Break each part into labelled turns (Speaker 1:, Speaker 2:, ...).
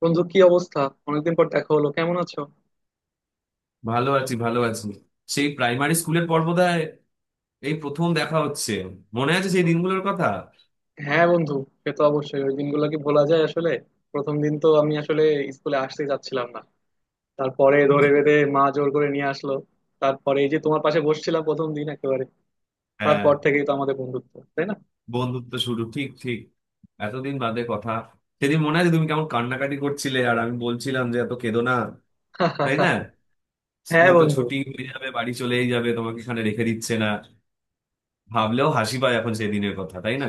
Speaker 1: বন্ধু কি অবস্থা? অনেকদিন পর দেখা হলো, কেমন আছো?
Speaker 2: ভালো আছি, ভালো আছি। সেই প্রাইমারি স্কুলের পর বোধহয় এই প্রথম দেখা হচ্ছে। মনে আছে সেই দিনগুলোর কথা?
Speaker 1: হ্যাঁ বন্ধু, সে তো অবশ্যই ওই দিনগুলো কি ভোলা যায় আসলে। প্রথম দিন তো আমি আসলে স্কুলে আসতে যাচ্ছিলাম না। তারপরে ধরে বেঁধে মা জোর করে নিয়ে আসলো। তারপরে এই যে তোমার পাশে বসছিলাম প্রথম দিন একেবারে।
Speaker 2: হ্যাঁ।
Speaker 1: তারপর থেকেই তো আমাদের বন্ধুত্ব, তাই না?
Speaker 2: বন্ধুত্ব শুরু, ঠিক ঠিক। এতদিন বাদে কথা। সেদিন মনে আছে তুমি কেমন কান্নাকাটি করছিলে আর আমি বলছিলাম যে এত কেঁদো না। তাই না?
Speaker 1: হ্যাঁ
Speaker 2: স্কুল তো
Speaker 1: বন্ধু।
Speaker 2: ছুটি হয়ে যাবে, বাড়ি চলেই যাবে, তোমাকে এখানে রেখে দিচ্ছে না। ভাবলেও হাসি পায় এখন সেই দিনের কথা, তাই না?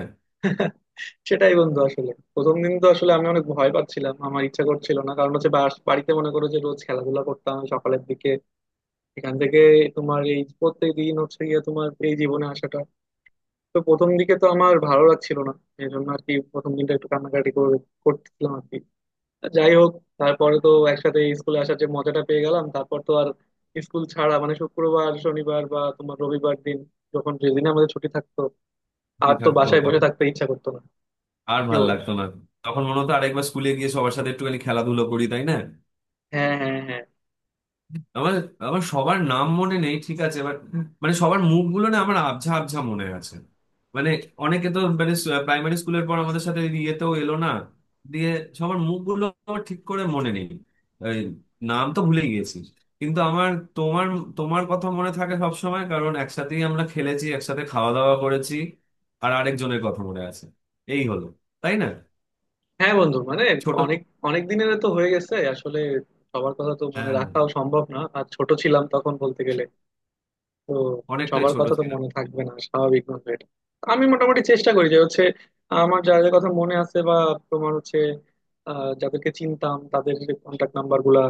Speaker 1: সেটাই বন্ধু, আসলে প্রথম দিন তো আসলে আমি অনেক ভয় পাচ্ছিলাম, আমার ইচ্ছা করছিল না, কারণ হচ্ছে বাড়িতে মনে করো যে রোজ খেলাধুলা করতাম সকালের দিকে। এখান থেকে তোমার এই প্রত্যেক দিন হচ্ছে গিয়ে তোমার এই জীবনে আসাটা, তো প্রথম দিকে তো আমার ভালো লাগছিল না। এই জন্য আর কি প্রথম দিনটা একটু কান্নাকাটি করে করতেছিলাম আর কি। যাই হোক, তারপরে তো একসাথে স্কুলে আসার যে মজাটা পেয়ে গেলাম, তারপর তো আর স্কুল ছাড়া মানে শুক্রবার শনিবার বা তোমার রবিবার দিন যখন যেদিন আমাদের ছুটি থাকতো
Speaker 2: ছুটি
Speaker 1: আর তো
Speaker 2: থাকতো
Speaker 1: বাসায় বসে
Speaker 2: তখন
Speaker 1: থাকতে ইচ্ছা করতো না।
Speaker 2: আর
Speaker 1: কি
Speaker 2: ভাল
Speaker 1: বলো?
Speaker 2: লাগতো না। তখন মনে হতো আরেকবার স্কুলে গিয়ে সবার সাথে একটুখানি খেলাধুলো করি, তাই না?
Speaker 1: হ্যাঁ, হ্যাঁ, হ্যাঁ।
Speaker 2: আমার আমার সবার নাম মনে নেই, ঠিক আছে, বাট মানে সবার মুখগুলো না আমার আবঝা আবঝা মনে আছে। মানে অনেকে তো মানে প্রাইমারি স্কুলের পর আমাদের সাথে ইয়েতেও এলো না। দিয়ে সবার মুখগুলো আমার ঠিক করে মনে নেই। এই, নাম তো ভুলে গিয়েছি। কিন্তু আমার তোমার তোমার কথা মনে থাকে সব সময়, কারণ একসাথেই আমরা খেলেছি, একসাথে খাওয়া দাওয়া করেছি। আর আরেকজনের কথা মনে আছে। এই হলো, তাই না?
Speaker 1: হ্যাঁ বন্ধু, মানে
Speaker 2: ছোট।
Speaker 1: অনেক অনেক দিনের তো হয়ে গেছে আসলে। সবার কথা তো মনে
Speaker 2: হ্যাঁ।
Speaker 1: রাখাও সম্ভব না, আর ছোট ছিলাম তখন বলতে গেলে। তো
Speaker 2: অনেকটাই
Speaker 1: সবার
Speaker 2: ছোট
Speaker 1: কথা তো
Speaker 2: ছিল।
Speaker 1: মনে থাকবে না স্বাভাবিক ভাবে এটা। আমি মোটামুটি চেষ্টা করি যে হচ্ছে আমার যাদের কথা মনে আছে বা তোমার হচ্ছে যাদেরকে চিনতাম তাদের কন্ট্যাক্ট নাম্বার গুলা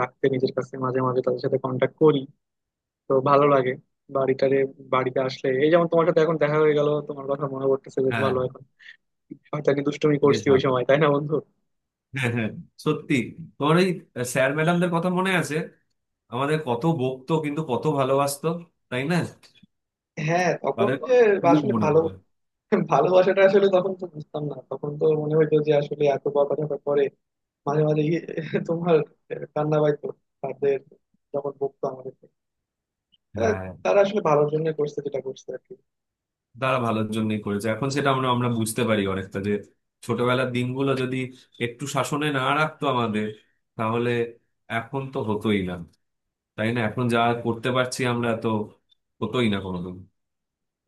Speaker 1: রাখতে নিজের কাছে, মাঝে মাঝে তাদের সাথে কন্ট্যাক্ট করি। তো ভালো লাগে বাড়িটারে বাড়িতে আসলে, এই যেমন তোমার সাথে এখন দেখা হয়ে গেল, তোমার কথা মনে পড়তেছে বেশ
Speaker 2: হ্যাঁ।
Speaker 1: ভালো এখন। শয়তানি দুষ্টুমি
Speaker 2: বেশ
Speaker 1: করছি ওই
Speaker 2: ভালো।
Speaker 1: সময়, তাই না বন্ধু?
Speaker 2: হ্যাঁ হ্যাঁ। সত্যি। তোমার ওই স্যার ম্যাডামদের কথা মনে আছে? আমাদের কত বকতো কিন্তু কত ভালোবাসতো, তাই না?
Speaker 1: হ্যাঁ, তখন
Speaker 2: তাদের
Speaker 1: যে
Speaker 2: কথা খুব
Speaker 1: আসলে
Speaker 2: মনে
Speaker 1: ভালো
Speaker 2: পড়ে।
Speaker 1: ভালোবাসাটা আসলে তখন তো বুঝতাম না, তখন তো মনে হইতো যে আসলে এত বড় কথা পরে মাঝে মাঝে গিয়ে তোমার কান্না পাইতো তাদের যখন বকতো আমাদেরকে। আহ,
Speaker 2: হ্যাঁ।
Speaker 1: তারা আসলে ভালোর জন্য করছে যেটা করছে আর কি।
Speaker 2: তারা ভালোর জন্যই করেছে, এখন সেটা আমরা আমরা বুঝতে পারি অনেকটা, যে ছোটবেলার দিনগুলো যদি একটু শাসনে না রাখতো আমাদের, তাহলে এখন তো হতোই না। তাই না? এখন যা করতে পারছি আমরা তো হতোই না কোনোদিন।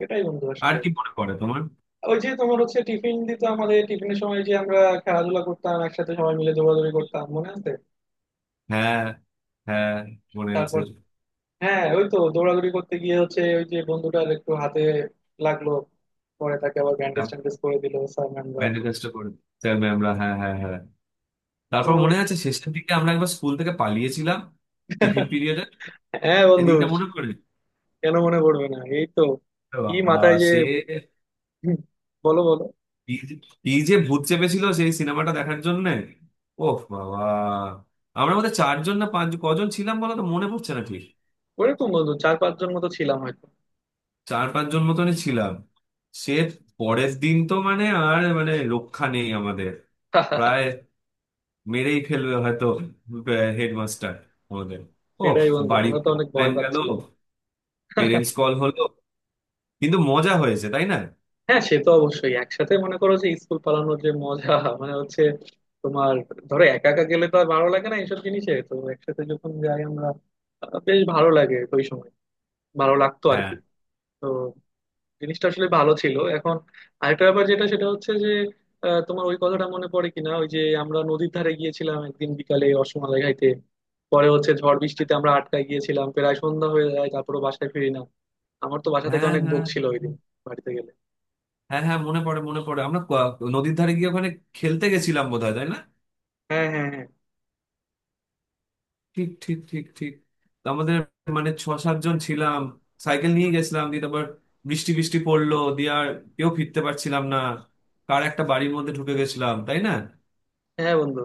Speaker 1: এটাই বন্ধু,
Speaker 2: আর
Speaker 1: আসলে
Speaker 2: কি মনে পড়ে তোমার?
Speaker 1: ওই যে তোমার হচ্ছে টিফিন দিত আমাদের, টিফিনের সময় যে আমরা খেলাধুলা করতাম একসাথে সবাই মিলে দৌড়াদৌড়ি করতাম, মনে আছে?
Speaker 2: হ্যাঁ হ্যাঁ, মনে আছে।
Speaker 1: তারপর হ্যাঁ ওই তো দৌড়াদৌড়ি করতে গিয়ে হচ্ছে ওই যে বন্ধুটার একটু হাতে লাগলো, পরে তাকে আবার ব্যান্ডেজ
Speaker 2: হ্যাঁ,
Speaker 1: ট্যান্ডেজ করে দিল স্যার ম্যামরা।
Speaker 2: ম্যানিফেস্টো করে স্যার ম্যামরা। হ্যাঁ হ্যাঁ হ্যাঁ।
Speaker 1: তো
Speaker 2: তারপর মনে আছে শেষের দিকে আমরা একবার স্কুল থেকে পালিয়েছিলাম, টিফিন পিরিয়ডে।
Speaker 1: হ্যাঁ বন্ধু,
Speaker 2: সেদিনটা মনে পড়ে।
Speaker 1: কেন মনে পড়বে না, এই তো।
Speaker 2: এ
Speaker 1: কি
Speaker 2: বাবা।
Speaker 1: মাথায় যে?
Speaker 2: সে
Speaker 1: বলো বলো।
Speaker 2: কি যে কি যে ভূত চেপেছিল সেই সিনেমাটা দেখার জন্য। ওহ বাবা। আমরা মধ্যে চারজন না পাঁচ কজন ছিলাম বলো তো, মনে পড়ছে না ঠিক।
Speaker 1: ওইরকম বন্ধু চার পাঁচজন মতো ছিলাম হয়তো।
Speaker 2: চার পাঁচজন মতনই ছিলাম। সে পরের দিন তো মানে আর মানে রক্ষা নেই আমাদের, প্রায় মেরেই ফেলবে হয়তো হেডমাস্টার আমাদের। ও,
Speaker 1: সেটাই বন্ধু, আমরা তো
Speaker 2: বাড়িতে
Speaker 1: অনেক ভয়
Speaker 2: প্লেন গেল,
Speaker 1: পাচ্ছিলাম।
Speaker 2: পেরেন্টস কল হলো। কিন্তু মজা হয়েছে, তাই না?
Speaker 1: হ্যাঁ, সে তো অবশ্যই একসাথে মনে করো যে স্কুল পালানোর যে মজা, মানে হচ্ছে তোমার ধরো একা একা গেলে তো আর ভালো লাগে না এইসব জিনিসে, তো একসাথে যখন যাই আমরা বেশ ভালো লাগে ওই সময়, ভালো লাগতো আর
Speaker 2: হ্যাঁ
Speaker 1: কি। তো জিনিসটা আসলে ভালো ছিল এখন। আরেকটা ব্যাপার যেটা সেটা হচ্ছে যে তোমার ওই কথাটা মনে পড়ে কিনা, ওই যে আমরা নদীর ধারে গিয়েছিলাম একদিন বিকালে রসমালাই খাইতে, পরে হচ্ছে ঝড় বৃষ্টিতে আমরা আটকায় গিয়েছিলাম, প্রায় সন্ধ্যা হয়ে যায় তারপরে বাসায় ফিরি না। আমার তো বাসা থেকে
Speaker 2: হ্যাঁ
Speaker 1: অনেক বক
Speaker 2: হ্যাঁ
Speaker 1: ছিল ওই দিন বাড়িতে গেলে।
Speaker 2: হ্যাঁ হ্যাঁ। মনে পড়ে আমরা নদীর ধারে গিয়ে ওখানে খেলতে গেছিলাম বোধহয়, তাই না?
Speaker 1: হ্যাঁ, হ্যাঁ, হ্যাঁ।
Speaker 2: ঠিক ঠিক ঠিক ঠিক। তো আমাদের মানে ছ সাতজন ছিলাম, সাইকেল নিয়ে গেছিলাম, দিয়ে তারপর বৃষ্টি বৃষ্টি পড়লো, দিয়ে আর কেউ ফিরতে পারছিলাম না। কার একটা বাড়ির মধ্যে ঢুকে গেছিলাম, তাই না?
Speaker 1: হ্যাঁ বন্ধু,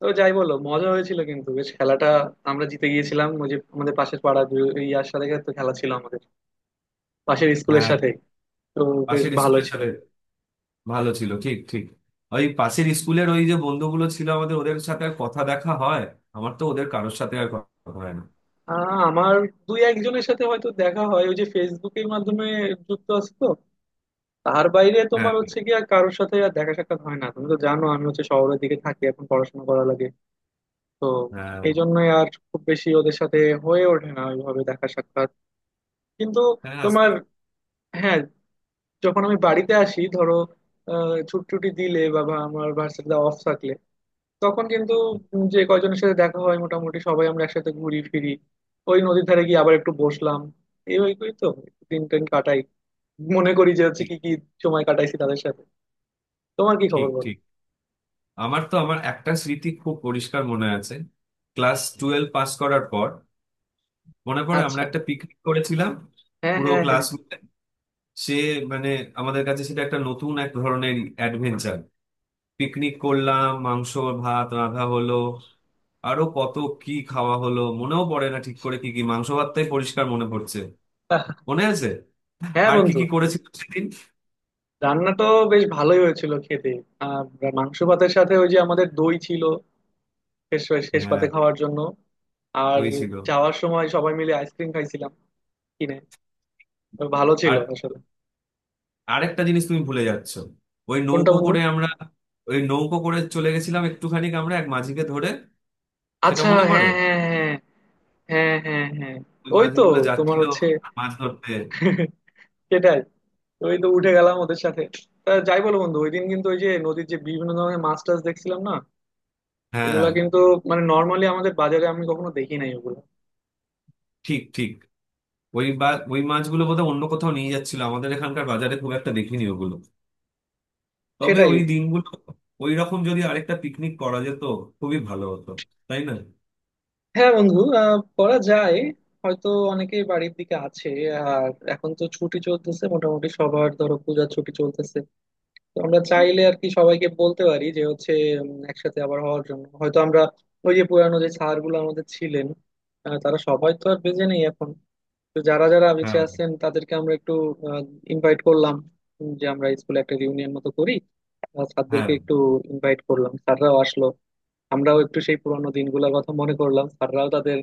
Speaker 1: তো যাই বলো মজা হয়েছিল কিন্তু বেশ। খেলাটা আমরা জিতে গিয়েছিলাম, ওই যে আমাদের পাশের পাড়া ইয়ার সাথে তো খেলা ছিল আমাদের, পাশের স্কুলের
Speaker 2: হ্যাঁ।
Speaker 1: সাথে। তো বেশ
Speaker 2: পাশের
Speaker 1: ভালো
Speaker 2: স্কুলের
Speaker 1: ছিল।
Speaker 2: সাথে। ভালো ছিল, ঠিক ঠিক। ওই পাশের স্কুলের ওই যে বন্ধুগুলো ছিল আমাদের, ওদের সাথে আর কথা দেখা হয়। আমার তো ওদের কারোর সাথে আর কথা হয় না।
Speaker 1: আমার দুই একজনের সাথে হয়তো দেখা হয় ওই যে ফেসবুকের মাধ্যমে যুক্ত আছে তো, তার বাইরে
Speaker 2: হ্যাঁ
Speaker 1: তোমার
Speaker 2: হ্যাঁ
Speaker 1: হচ্ছে গিয়ে আর কারোর সাথে আর দেখা সাক্ষাৎ হয় না। তুমি তো জানো আমি হচ্ছে শহরের দিকে থাকি এখন, পড়াশোনা করা লাগে তো,
Speaker 2: হ্যাঁ।
Speaker 1: এই জন্যই আর খুব বেশি ওদের সাথে হয়ে ওঠে না ওইভাবে দেখা সাক্ষাৎ। কিন্তু
Speaker 2: হ্যাঁ,
Speaker 1: তোমার,
Speaker 2: আস্তে।
Speaker 1: হ্যাঁ, যখন আমি বাড়িতে আসি ধরো ছুটি টুটি দিলে বা বা আমার ভার্সিটিতে অফ থাকলে, তখন কিন্তু যে কয়জনের সাথে দেখা হয় মোটামুটি সবাই আমরা একসাথে ঘুরি ফিরি। ওই নদীর ধারে গিয়ে আবার একটু বসলাম, এই ওই করেই তো দিন টেন কাটাই। মনে করি যে হচ্ছে
Speaker 2: ঠিক
Speaker 1: কি কি সময় কাটাইছি তাদের সাথে। তোমার কি
Speaker 2: ঠিক
Speaker 1: খবর বলো?
Speaker 2: ঠিক। আমার তো আমার একটা স্মৃতি খুব পরিষ্কার মনে আছে। ক্লাস টুয়েলভ পাস করার পর মনে পড়ে আমরা
Speaker 1: আচ্ছা,
Speaker 2: একটা পিকনিক করেছিলাম,
Speaker 1: হ্যাঁ,
Speaker 2: পুরো
Speaker 1: হ্যাঁ, হ্যাঁ।
Speaker 2: ক্লাস মিলে। সে মানে আমাদের কাছে সেটা একটা নতুন এক ধরনের অ্যাডভেঞ্চার। পিকনিক করলাম, মাংস ভাত রাঁধা হলো, আরো কত কি খাওয়া হলো মনেও পড়ে না ঠিক করে। কি কি মাংস ভাতটাই পরিষ্কার মনে পড়ছে।
Speaker 1: আহ,
Speaker 2: মনে আছে।
Speaker 1: হ্যাঁ
Speaker 2: আর কি
Speaker 1: বন্ধু,
Speaker 2: কি করেছিল সেদিন?
Speaker 1: রান্না তো বেশ ভালোই হয়েছিল খেতে। আর মাংস ভাতের সাথে ওই যে আমাদের দই ছিল শেষ, শেষ পাতে
Speaker 2: হ্যাঁ।
Speaker 1: খাওয়ার জন্য। আর
Speaker 2: ওই ছিল।
Speaker 1: যাওয়ার সময় সবাই মিলে আইসক্রিম খাইছিলাম কিনে। তো ভালো ছিল
Speaker 2: আর
Speaker 1: আসলে।
Speaker 2: আরেকটা জিনিস তুমি ভুলে যাচ্ছ। ওই
Speaker 1: কোনটা
Speaker 2: নৌকো
Speaker 1: বন্ধু?
Speaker 2: করে আমরা ওই নৌকো করে চলে গেছিলাম একটুখানি, আমরা এক মাঝিকে ধরে। সেটা
Speaker 1: আচ্ছা,
Speaker 2: মনে
Speaker 1: হ্যাঁ,
Speaker 2: পড়ে।
Speaker 1: হ্যাঁ, হ্যাঁ। হ্যাঁ, হ্যাঁ, হ্যাঁ।
Speaker 2: ওই
Speaker 1: ওই তো
Speaker 2: মাঝিগুলো
Speaker 1: তোমার
Speaker 2: যাচ্ছিল
Speaker 1: হচ্ছে
Speaker 2: মাছ ধরতে।
Speaker 1: সেটাই, ওই তো উঠে গেলাম ওদের সাথে। তা যাই বলো বন্ধু, ওই দিন কিন্তু ওই যে নদীর যে বিভিন্ন ধরনের মাছ টাছ দেখছিলাম না, ওগুলা
Speaker 2: হ্যাঁ,
Speaker 1: কিন্তু মানে নর্মালি আমাদের বাজারে আমি কখনো দেখি নাই ওগুলো।
Speaker 2: ঠিক ঠিক। ওই বা ওই মাছগুলো বোধহয় অন্য কোথাও নিয়ে যাচ্ছিল, আমাদের এখানকার বাজারে খুব একটা দেখিনি ওগুলো। তবে
Speaker 1: সেটাই।
Speaker 2: ওই দিনগুলো, ওই রকম যদি আরেকটা পিকনিক করা যেত, খুবই ভালো হতো, তাই না?
Speaker 1: হ্যাঁ বন্ধু, আহ করা যায়, হয়তো অনেকেই বাড়ির দিকে আছে। আর এখন তো ছুটি চলতেছে মোটামুটি সবার, ধরো পূজার ছুটি চলতেছে। তো আমরা চাইলে আর কি সবাইকে বলতে পারি যে হচ্ছে একসাথে আবার হওয়ার জন্য হয়তো আমরা ওই যে পুরানো যে স্যার গুলো আমাদের ছিলেন, তারা সবাই তো আর বেঁচে নেই এখন, তো যারা যারা বেঁচে
Speaker 2: হ্যাঁ
Speaker 1: আছেন তাদেরকে আমরা একটু ইনভাইট করলাম, যে আমরা স্কুলে একটা রিউনিয়ন মতো করি,
Speaker 2: হ্যাঁ।
Speaker 1: স্যারদেরকে একটু ইনভাইট করলাম, স্যাররাও আসলো, আমরাও একটু সেই পুরানো দিনগুলোর কথা মনে করলাম, স্যাররাও তাদের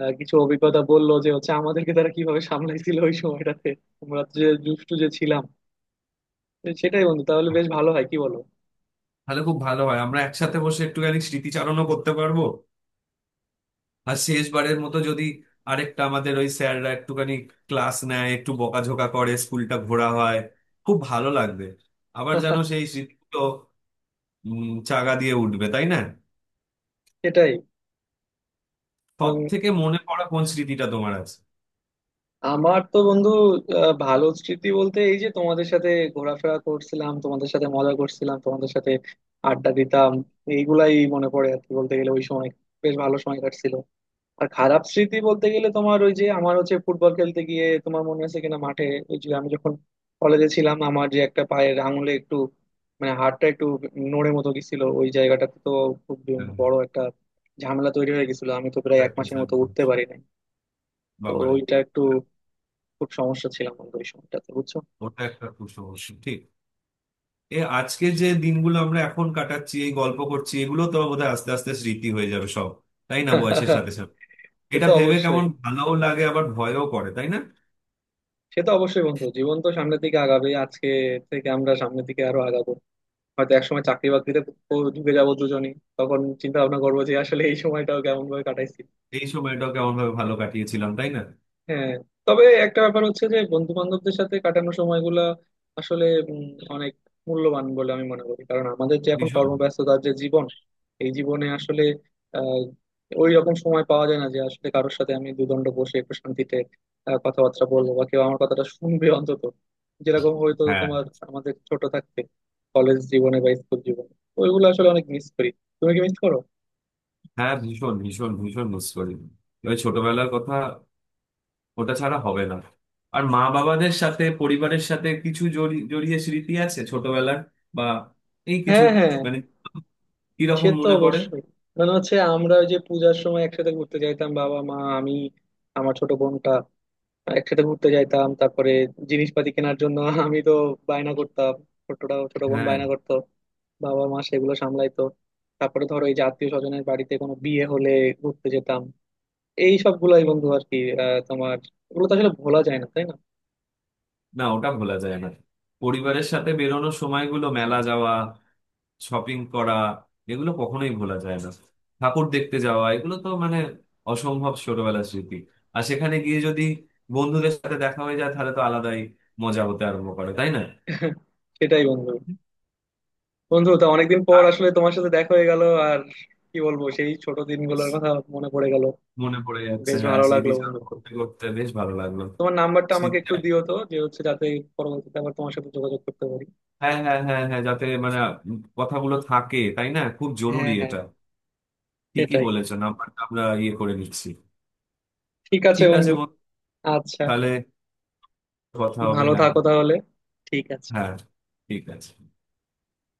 Speaker 1: কিছু অভিজ্ঞতা বললো যে হচ্ছে আমাদেরকে তারা কিভাবে সামলাইছিল ওই সময়টাতে আমরা যে দুষ্টু যে ছিলাম। তো সেটাই বন্ধু, তাহলে বেশ ভালো হয় কি বলো?
Speaker 2: তাহলে খুব ভালো হয়, আমরা একসাথে বসে একটুখানি স্মৃতিচারণও করতে পারবো। আর শেষবারের মতো যদি আরেকটা, আমাদের ওই স্যাররা একটুখানি ক্লাস নেয়, একটু বকাঝকা করে, স্কুলটা ঘোরা হয়, খুব ভালো লাগবে। আবার যেন সেই স্মৃতিগুলো চাগা দিয়ে উঠবে, তাই না?
Speaker 1: সেটাই।
Speaker 2: সব
Speaker 1: উম,
Speaker 2: থেকে মনে পড়া কোন স্মৃতিটা তোমার আছে?
Speaker 1: আমার তো বন্ধু ভালো স্মৃতি বলতে এই যে তোমাদের সাথে ঘোরাফেরা করছিলাম, তোমাদের সাথে মজা করছিলাম, তোমাদের সাথে আড্ডা দিতাম, এইগুলাই মনে পড়ে আর কি বলতে গেলে। ওই সময় বেশ ভালো সময় কাটছিল। আর খারাপ স্মৃতি বলতে গেলে তোমার ওই যে আমার হচ্ছে ফুটবল খেলতে গিয়ে তোমার মনে আছে কিনা মাঠে, ওই যে আমি যখন কলেজে ছিলাম আমার যে একটা পায়ের আঙুলে একটু মানে হাড়টা একটু নড়ে মতো গেছিল ওই জায়গাটাতে, তো খুব
Speaker 2: হ্যাঁ,
Speaker 1: বড় একটা ঝামেলা তৈরি হয়ে গেছিল, আমি তো প্রায়
Speaker 2: ওটা
Speaker 1: এক
Speaker 2: একটা
Speaker 1: মাসের মতো উঠতে
Speaker 2: ঝামেলা।
Speaker 1: পারি নাই। তো
Speaker 2: বাবারে।
Speaker 1: ওইটা একটু খুব সমস্যা ছিলাম বন্ধু ওই সময়টাতে, বুঝছো?
Speaker 2: ওটা একটা খুব সমস্যা, ঠিক। এ আজকে যে দিনগুলো আমরা এখন কাটাচ্ছি, এই গল্প করছি, এগুলো তো বোধহয় আস্তে আস্তে স্মৃতি হয়ে যাবে সব, তাই না, বয়সের সাথে সাথে?
Speaker 1: সে
Speaker 2: এটা
Speaker 1: তো
Speaker 2: ভেবে
Speaker 1: অবশ্যই।
Speaker 2: কেমন ভালোও লাগে আবার ভয়ও করে, তাই না?
Speaker 1: সে তো অবশ্যই বন্ধু, জীবন তো সামনের দিকে আগাবে, আজকে থেকে আমরা সামনের দিকে আরো আগাবো, হয়তো একসময় চাকরি বাকরিতে ঢুকে যাবো দুজনেই, তখন চিন্তা ভাবনা করবো যে আসলে এই সময়টাও কেমন ভাবে কাটাইছি।
Speaker 2: এই সময়টাও কেমন ভাবে ভালো কাটিয়েছিলাম, তাই না?
Speaker 1: হ্যাঁ। তবে একটা ব্যাপার হচ্ছে যে বন্ধু বান্ধবদের সাথে কাটানো সময়গুলা আসলে উম, অনেক মূল্যবান বলে আমি মনে করি, কারণ আমাদের যে এখন
Speaker 2: ভীষণ।
Speaker 1: কর্মব্যস্ততার যে জীবন, এই জীবনে আসলে আহ ওই রকম সময় পাওয়া যায় না যে আসলে কারোর সাথে আমি দুদণ্ড বসে একটু শান্তিতে কথাবার্তা বলবো বা কেউ আমার কথাটা শুনবে অন্তত, যেরকম হয়তো
Speaker 2: হ্যাঁ
Speaker 1: তোমার আমাদের ছোট থাকতে কলেজ জীবনে বা স্কুল জীবনে ওইগুলো আসলে অনেক মিস করি। তুমি কি মিস করো?
Speaker 2: হ্যাঁ, ভীষণ ভীষণ ভীষণ মিস করি ওই ছোটবেলার কথা। ওটা ছাড়া হবে না। আর মা বাবাদের সাথে, পরিবারের সাথে কিছু জড়িয়ে স্মৃতি আছে ছোটবেলার। বা এই কিছু
Speaker 1: হ্যাঁ, হ্যাঁ,
Speaker 2: মানে
Speaker 1: সে
Speaker 2: কিরকম
Speaker 1: তো
Speaker 2: মনে পড়ে।
Speaker 1: অবশ্যই। মানে হচ্ছে আমরা ওই যে পূজার সময় একসাথে ঘুরতে যাইতাম বাবা মা আমি আমার ছোট বোনটা, একসাথে ঘুরতে যাইতাম, তারপরে জিনিসপাতি কেনার জন্য আমি তো বায়না করতাম, ছোটটা ছোট বোন
Speaker 2: হ্যাঁ।
Speaker 1: বায়না করতো, বাবা মা সেগুলো সামলাইতো। তারপরে ধরো এই যে আত্মীয় স্বজনের বাড়িতে কোনো বিয়ে হলে ঘুরতে যেতাম, এই সবগুলাই বন্ধু আর কি। তোমার এগুলো তো আসলে ভোলা যায় না, তাই না?
Speaker 2: না, ওটা ভোলা যায় না। পরিবারের সাথে বেরোনোর সময়গুলো, মেলা যাওয়া, শপিং করা, এগুলো কখনোই ভোলা যায় না। ঠাকুর দেখতে যাওয়া, এগুলো তো মানে অসম্ভব ছোটবেলার স্মৃতি। আর সেখানে গিয়ে যদি বন্ধুদের সাথে দেখা হয়ে যায়, তাহলে তো আলাদাই মজা হতে আরম্ভ করে, তাই না?
Speaker 1: সেটাই বন্ধু। বন্ধু তো অনেকদিন পর
Speaker 2: আ-
Speaker 1: আসলে তোমার সাথে দেখা হয়ে গেল, আর কি বলবো, সেই ছোট
Speaker 2: ইস,
Speaker 1: দিনগুলোর কথা মনে পড়ে গেল।
Speaker 2: মনে পড়ে যাচ্ছে।
Speaker 1: বেশ
Speaker 2: হ্যাঁ,
Speaker 1: ভালো লাগলো বন্ধু।
Speaker 2: স্মৃতিচারণ করতে করতে বেশ ভালো লাগলো।
Speaker 1: তোমার নাম্বারটা আমাকে
Speaker 2: স্মৃতি-
Speaker 1: একটু দিও তো, যে হচ্ছে যাতে পরবর্তীতে আবার তোমার সাথে যোগাযোগ করতে পারি।
Speaker 2: হ্যাঁ হ্যাঁ হ্যাঁ হ্যাঁ, যাতে মানে কথাগুলো থাকে, তাই না? খুব জরুরি
Speaker 1: হ্যাঁ, হ্যাঁ।
Speaker 2: এটা। ঠিকই
Speaker 1: সেটাই,
Speaker 2: বলেছেন। আমরা আমরা ইয়ে করে নিচ্ছি।
Speaker 1: ঠিক আছে
Speaker 2: ঠিক
Speaker 1: বন্ধু।
Speaker 2: আছে বন্ধু,
Speaker 1: আচ্ছা,
Speaker 2: তাহলে কথা হবে।
Speaker 1: ভালো
Speaker 2: হ্যাঁ
Speaker 1: থাকো তাহলে, ঠিক আছে।
Speaker 2: হ্যাঁ। ঠিক আছে।